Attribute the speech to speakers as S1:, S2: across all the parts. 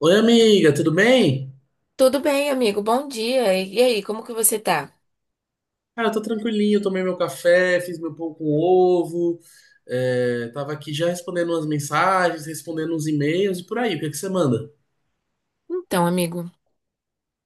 S1: Oi, amiga, tudo bem?
S2: Tudo bem, amigo? Bom dia. E aí, como que você tá?
S1: Cara, eu tô tranquilinho, tomei meu café, fiz meu pão com ovo, tava aqui já respondendo umas mensagens, respondendo uns e-mails e por aí. O que é que você manda?
S2: Então, amigo,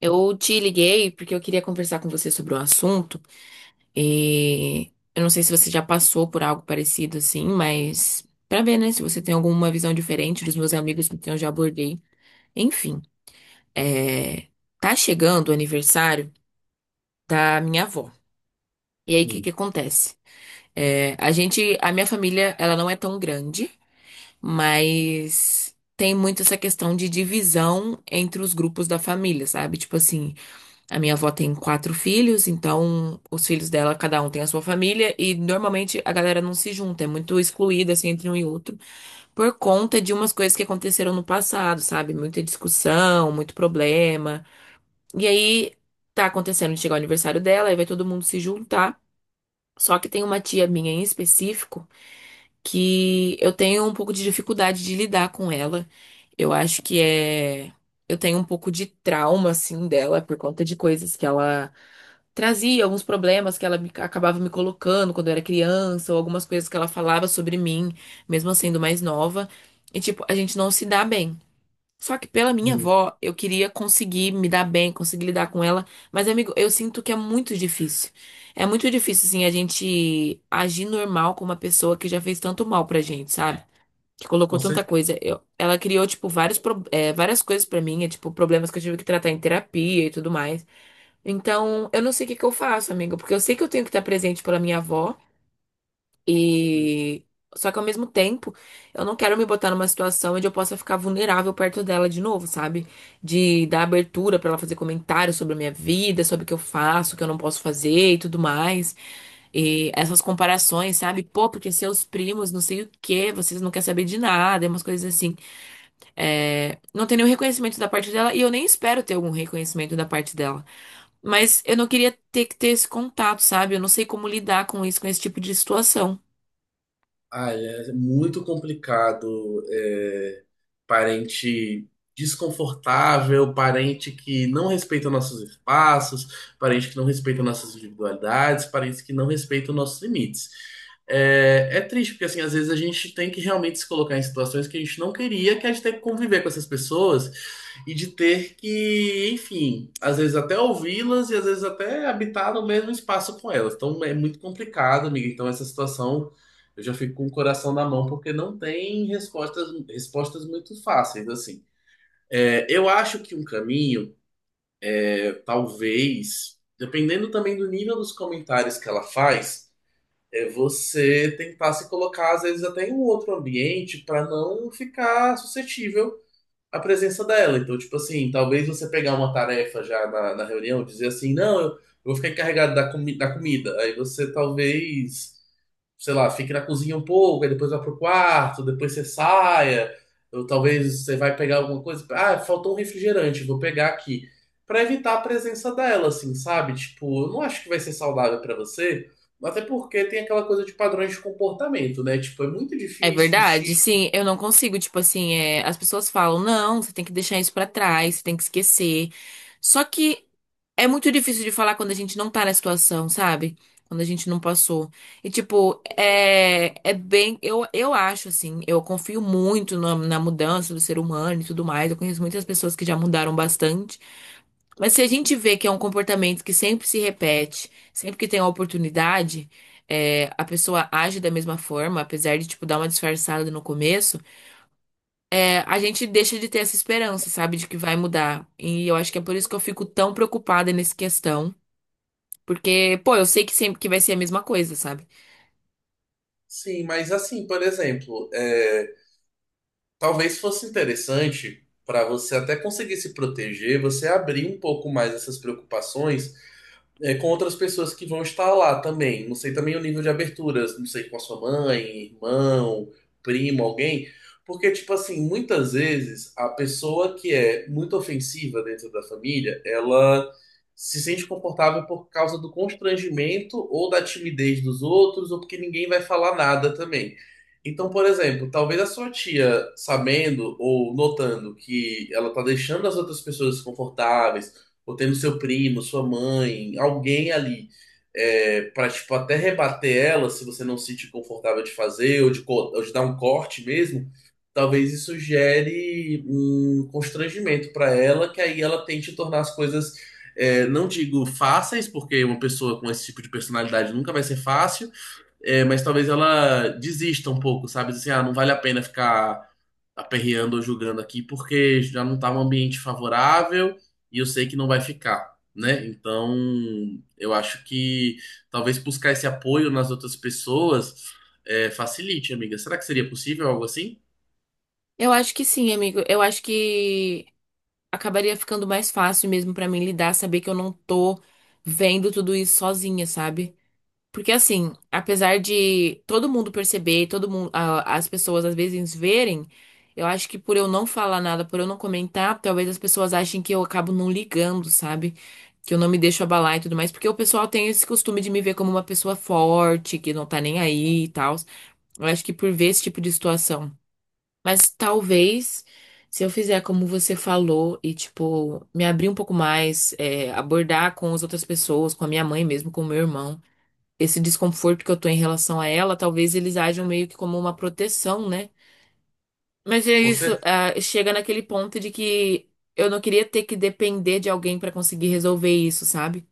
S2: eu te liguei porque eu queria conversar com você sobre um assunto e eu não sei se você já passou por algo parecido assim, mas pra ver, né, se você tem alguma visão diferente dos meus amigos que eu já abordei. Enfim, é... tá chegando o aniversário da minha avó. E aí, o que que
S1: Hum.
S2: acontece? É, a gente, a minha família, ela não é tão grande. Mas tem muito essa questão de divisão entre os grupos da família, sabe? Tipo assim, a minha avó tem quatro filhos, então os filhos dela, cada um tem a sua família, e normalmente a galera não se junta, é muito excluída assim entre um e outro, por conta de umas coisas que aconteceram no passado, sabe? Muita discussão, muito problema. E aí tá acontecendo de chegar o aniversário dela, aí vai todo mundo se juntar. Só que tem uma tia minha em específico que eu tenho um pouco de dificuldade de lidar com ela. Eu acho que é. Eu tenho um pouco de trauma, assim, dela por conta de coisas que ela trazia, alguns problemas que acabava me colocando quando eu era criança, ou algumas coisas que ela falava sobre mim, mesmo eu sendo mais nova. E, tipo, a gente não se dá bem. Só que pela minha
S1: Hum,
S2: avó, eu queria conseguir me dar bem, conseguir lidar com ela. Mas, amigo, eu sinto que é muito difícil. É muito difícil, assim, a gente agir normal com uma pessoa que já fez tanto mal pra gente, sabe? Que
S1: com
S2: colocou tanta
S1: certeza.
S2: coisa. Ela criou, tipo, várias coisas pra mim, é, tipo, problemas que eu tive que tratar em terapia e tudo mais. Então, eu não sei o que que eu faço, amigo, porque eu sei que eu tenho que estar presente pela minha avó. E só que ao mesmo tempo, eu não quero me botar numa situação onde eu possa ficar vulnerável perto dela de novo, sabe? De dar abertura pra ela fazer comentários sobre a minha vida, sobre o que eu faço, o que eu não posso fazer e tudo mais. E essas comparações, sabe? Pô, porque seus primos, não sei o quê, vocês não querem saber de nada, e umas coisas assim. É, não tem nenhum reconhecimento da parte dela e eu nem espero ter algum reconhecimento da parte dela. Mas eu não queria ter que ter esse contato, sabe? Eu não sei como lidar com isso, com esse tipo de situação.
S1: Ai, é muito complicado. Parente desconfortável, parente que não respeita nossos espaços, parente que não respeita nossas individualidades, parente que não respeita nossos limites. É, é triste, porque assim, às vezes a gente tem que realmente se colocar em situações que a gente não queria, que a gente tem que conviver com essas pessoas e de ter que, enfim, às vezes até ouvi-las e às vezes até habitar no mesmo espaço com elas. Então é muito complicado, amiga. Então essa situação eu já fico com o coração na mão porque não tem respostas, respostas muito fáceis, assim. É, eu acho que um caminho, talvez, dependendo também do nível dos comentários que ela faz, é você tentar se colocar, às vezes, até em um outro ambiente para não ficar suscetível à presença dela. Então, tipo assim, talvez você pegar uma tarefa já na reunião, dizer assim, não, eu vou ficar encarregado da, comi da comida. Aí você talvez sei lá, fique na cozinha um pouco, aí depois vá pro quarto, depois você saia, ou talvez você vai pegar alguma coisa, ah, faltou um refrigerante, vou pegar aqui, pra evitar a presença dela, assim, sabe? Tipo, eu não acho que vai ser saudável pra você, até porque tem aquela coisa de padrões de comportamento, né? Tipo, é muito
S2: É
S1: difícil um
S2: verdade,
S1: tio.
S2: sim, eu não consigo, tipo assim, é, as pessoas falam, não, você tem que deixar isso pra trás, você tem que esquecer. Só que é muito difícil de falar quando a gente não tá na situação, sabe? Quando a gente não passou. E tipo, é, é bem, eu acho assim, eu confio muito na mudança do ser humano e tudo mais. Eu conheço muitas pessoas que já mudaram bastante. Mas se a gente vê que é um comportamento que sempre se repete, sempre que tem a oportunidade, é, a pessoa age da mesma forma, apesar de, tipo, dar uma disfarçada no começo, é, a gente deixa de ter essa esperança, sabe, de que vai mudar. E eu acho que é por isso que eu fico tão preocupada nessa questão. Porque, pô, eu sei que sempre que vai ser a mesma coisa, sabe?
S1: Sim, mas assim, por exemplo, talvez fosse interessante para você até conseguir se proteger, você abrir um pouco mais essas preocupações com outras pessoas que vão estar lá também. Não sei também o nível de aberturas, não sei com a sua mãe, irmão, primo, alguém. Porque, tipo assim, muitas vezes a pessoa que é muito ofensiva dentro da família, ela se sente confortável por causa do constrangimento ou da timidez dos outros, ou porque ninguém vai falar nada também. Então, por exemplo, talvez a sua tia, sabendo ou notando que ela tá deixando as outras pessoas desconfortáveis, ou tendo seu primo, sua mãe, alguém ali, para tipo até rebater ela, se você não se sentir confortável de fazer ou ou de dar um corte mesmo, talvez isso gere um constrangimento para ela, que aí ela tente tornar as coisas, não digo fáceis, porque uma pessoa com esse tipo de personalidade nunca vai ser fácil, mas talvez ela desista um pouco, sabe? Assim, ah, não vale a pena ficar aperreando ou julgando aqui, porque já não tá um ambiente favorável e eu sei que não vai ficar, né? Então, eu acho que talvez buscar esse apoio nas outras pessoas facilite, amiga. Será que seria possível algo assim?
S2: Eu acho que sim, amigo. Eu acho que acabaria ficando mais fácil mesmo pra mim lidar, saber que eu não tô vendo tudo isso sozinha, sabe? Porque assim, apesar de todo mundo perceber, todo mundo, as pessoas às vezes verem, eu acho que por eu não falar nada, por eu não comentar, talvez as pessoas achem que eu acabo não ligando, sabe? Que eu não me deixo abalar e tudo mais, porque o pessoal tem esse costume de me ver como uma pessoa forte, que não tá nem aí e tal. Eu acho que por ver esse tipo de situação. Mas talvez, se eu fizer como você falou e, tipo, me abrir um pouco mais, é, abordar com as outras pessoas, com a minha mãe mesmo, com o meu irmão esse desconforto que eu tô em relação a ela, talvez eles ajam meio que como uma proteção, né? Mas é
S1: Com
S2: isso,
S1: certeza.
S2: ah, chega naquele ponto de que eu não queria ter que depender de alguém pra conseguir resolver isso, sabe?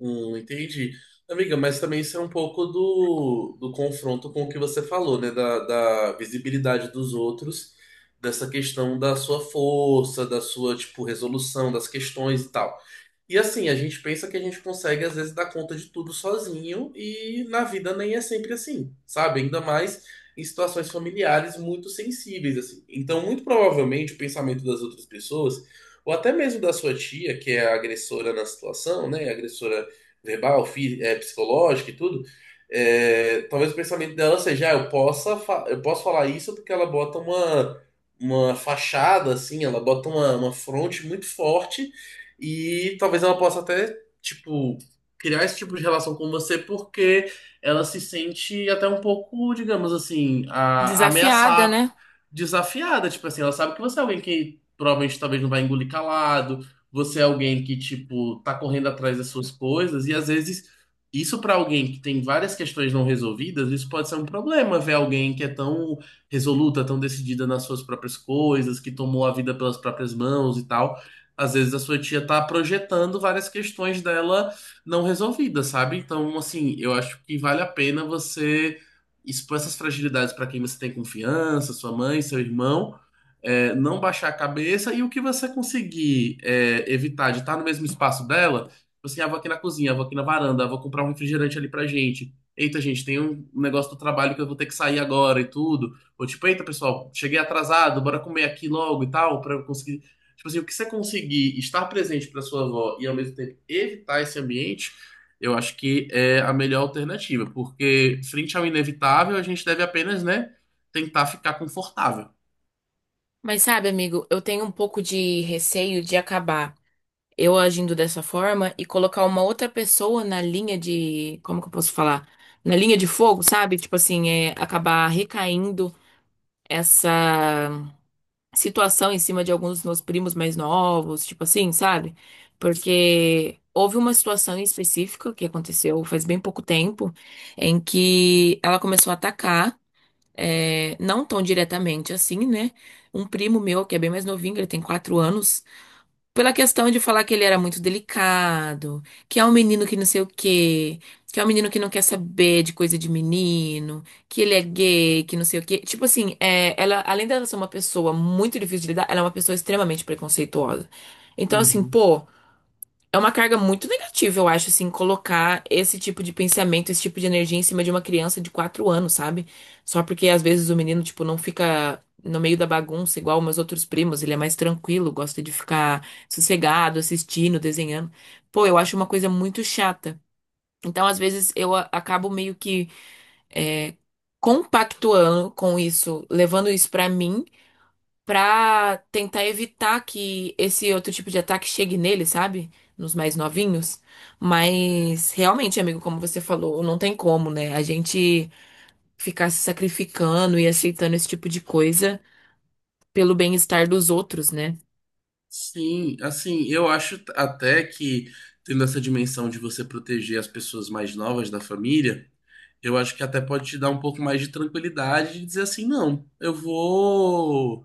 S1: Entendi. Amiga, mas também isso é um pouco do confronto com o que você falou, né? Da visibilidade dos outros, dessa questão da sua força, da sua, tipo, resolução das questões e tal. E assim, a gente pensa que a gente consegue, às vezes, dar conta de tudo sozinho, e na vida nem é sempre assim, sabe? Ainda mais em situações familiares muito sensíveis, assim. Então, muito provavelmente, o pensamento das outras pessoas, ou até mesmo da sua tia, que é a agressora na situação, né? Agressora verbal, psicológica e tudo, talvez o pensamento dela seja, ah, eu posso falar isso porque ela bota uma. Uma fachada, assim, ela bota uma fronte muito forte e talvez ela possa até, tipo, criar esse tipo de relação com você porque ela se sente até um pouco, digamos assim, a, a
S2: Desafiada,
S1: ameaçar
S2: né?
S1: desafiada, tipo assim, ela sabe que você é alguém que provavelmente talvez não vai engolir calado, você é alguém que, tipo, tá correndo atrás das suas coisas, e às vezes isso pra alguém que tem várias questões não resolvidas, isso pode ser um problema, ver alguém que é tão resoluta, tão decidida nas suas próprias coisas, que tomou a vida pelas próprias mãos e tal. Às vezes a sua tia tá projetando várias questões dela não resolvidas, sabe? Então, assim, eu acho que vale a pena você expõe essas fragilidades para quem você tem confiança, sua mãe, seu irmão, não baixar a cabeça e o que você conseguir evitar de estar no mesmo espaço dela, tipo assim, ah, vou aqui na cozinha, vou aqui na varanda, ah, vou comprar um refrigerante ali pra gente. Eita, gente, tem um negócio do trabalho que eu vou ter que sair agora e tudo. Ou tipo, eita, pessoal, cheguei atrasado, bora comer aqui logo e tal, pra eu conseguir. Tipo assim, o que você conseguir estar presente pra sua avó e ao mesmo tempo evitar esse ambiente, eu acho que é a melhor alternativa, porque frente ao inevitável, a gente deve apenas, né, tentar ficar confortável.
S2: Mas sabe, amigo, eu tenho um pouco de receio de acabar eu agindo dessa forma e colocar uma outra pessoa na linha de, como que eu posso falar? Na linha de fogo, sabe? Tipo assim, é acabar recaindo essa situação em cima de alguns dos meus primos mais novos, tipo assim, sabe? Porque houve uma situação em específica que aconteceu faz bem pouco tempo, em que ela começou a atacar, é, não tão diretamente assim, né? Um primo meu, que é bem mais novinho, ele tem quatro anos. Pela questão de falar que ele era muito delicado, que é um menino que não sei o quê, que é um menino que não quer saber de coisa de menino, que ele é gay, que não sei o quê. Tipo assim, é, ela, além dela ser uma pessoa muito difícil de lidar, ela é uma pessoa extremamente preconceituosa. Então, assim,
S1: Uhum.
S2: pô. É uma carga muito negativa, eu acho, assim, colocar esse tipo de pensamento, esse tipo de energia em cima de uma criança de quatro anos, sabe? Só porque às vezes o menino, tipo, não fica no meio da bagunça igual meus outros primos, ele é mais tranquilo, gosta de ficar sossegado, assistindo, desenhando. Pô, eu acho uma coisa muito chata. Então, às vezes, acabo meio que é, compactuando com isso, levando isso pra mim pra tentar evitar que esse outro tipo de ataque chegue nele, sabe? Nos mais novinhos. Mas realmente, amigo, como você falou, não tem como, né? A gente ficar se sacrificando e aceitando esse tipo de coisa pelo bem-estar dos outros, né?
S1: Sim, assim, eu acho até que tendo essa dimensão de você proteger as pessoas mais novas da família, eu acho que até pode te dar um pouco mais de tranquilidade de dizer assim, não, eu vou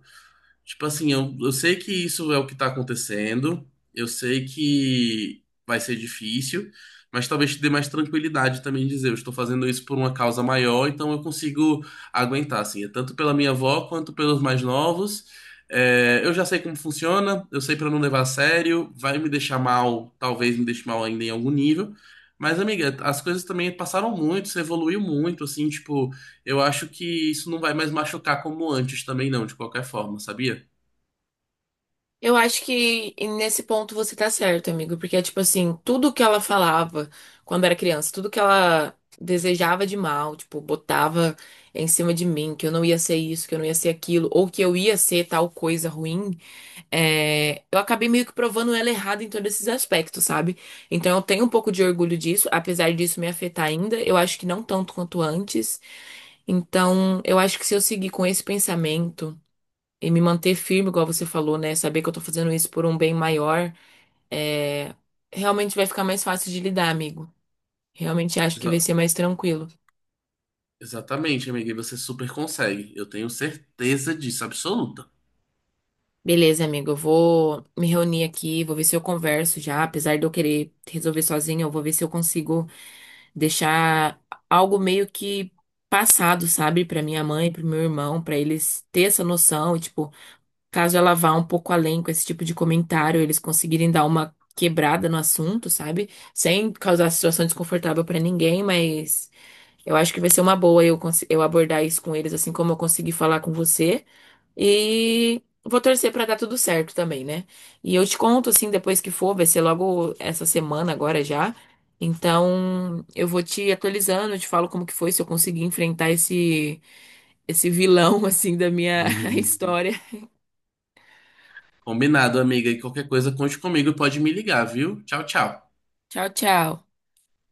S1: tipo assim, eu sei que isso é o que tá acontecendo, eu sei que vai ser difícil, mas talvez te dê mais tranquilidade também dizer, eu estou fazendo isso por uma causa maior, então eu consigo aguentar, assim, é tanto pela minha avó quanto pelos mais novos. É, eu já sei como funciona, eu sei para não levar a sério, vai me deixar mal, talvez me deixe mal ainda em algum nível. Mas, amiga, as coisas também passaram muito, você evoluiu muito, assim, tipo, eu acho que isso não vai mais machucar como antes também, não, de qualquer forma, sabia?
S2: Eu acho que nesse ponto você tá certo, amigo, porque é tipo assim, tudo que ela falava quando era criança, tudo que ela desejava de mal, tipo, botava em cima de mim, que eu não ia ser isso, que eu não ia ser aquilo, ou que eu ia ser tal coisa ruim, é, eu acabei meio que provando ela errada em todos esses aspectos, sabe? Então eu tenho um pouco de orgulho disso, apesar disso me afetar ainda, eu acho que não tanto quanto antes. Então eu acho que se eu seguir com esse pensamento e me manter firme, igual você falou, né? Saber que eu tô fazendo isso por um bem maior, é, realmente vai ficar mais fácil de lidar, amigo. Realmente acho que vai
S1: Exa-
S2: ser mais tranquilo.
S1: Exatamente, amiga, e você super consegue. Eu tenho certeza disso, absoluta.
S2: Beleza, amigo, eu vou me reunir aqui, vou ver se eu converso já, apesar de eu querer resolver sozinha, eu vou ver se eu consigo deixar algo meio que passado, sabe, pra minha mãe, pro meu irmão, pra eles ter essa noção e tipo, caso ela vá um pouco além com esse tipo de comentário, eles conseguirem dar uma quebrada no assunto, sabe? Sem causar situação desconfortável pra ninguém, mas eu acho que vai ser uma boa eu abordar isso com eles assim como eu consegui falar com você. E vou torcer pra dar tudo certo também, né? E eu te conto, assim, depois que for, vai ser logo essa semana agora já. Então, eu vou te atualizando, eu te falo como que foi, se eu conseguir enfrentar esse, esse vilão, assim, da minha
S1: Uhum.
S2: história.
S1: Combinado, amiga, e qualquer coisa, conte comigo e pode me ligar, viu? Tchau, tchau.
S2: Tchau, tchau.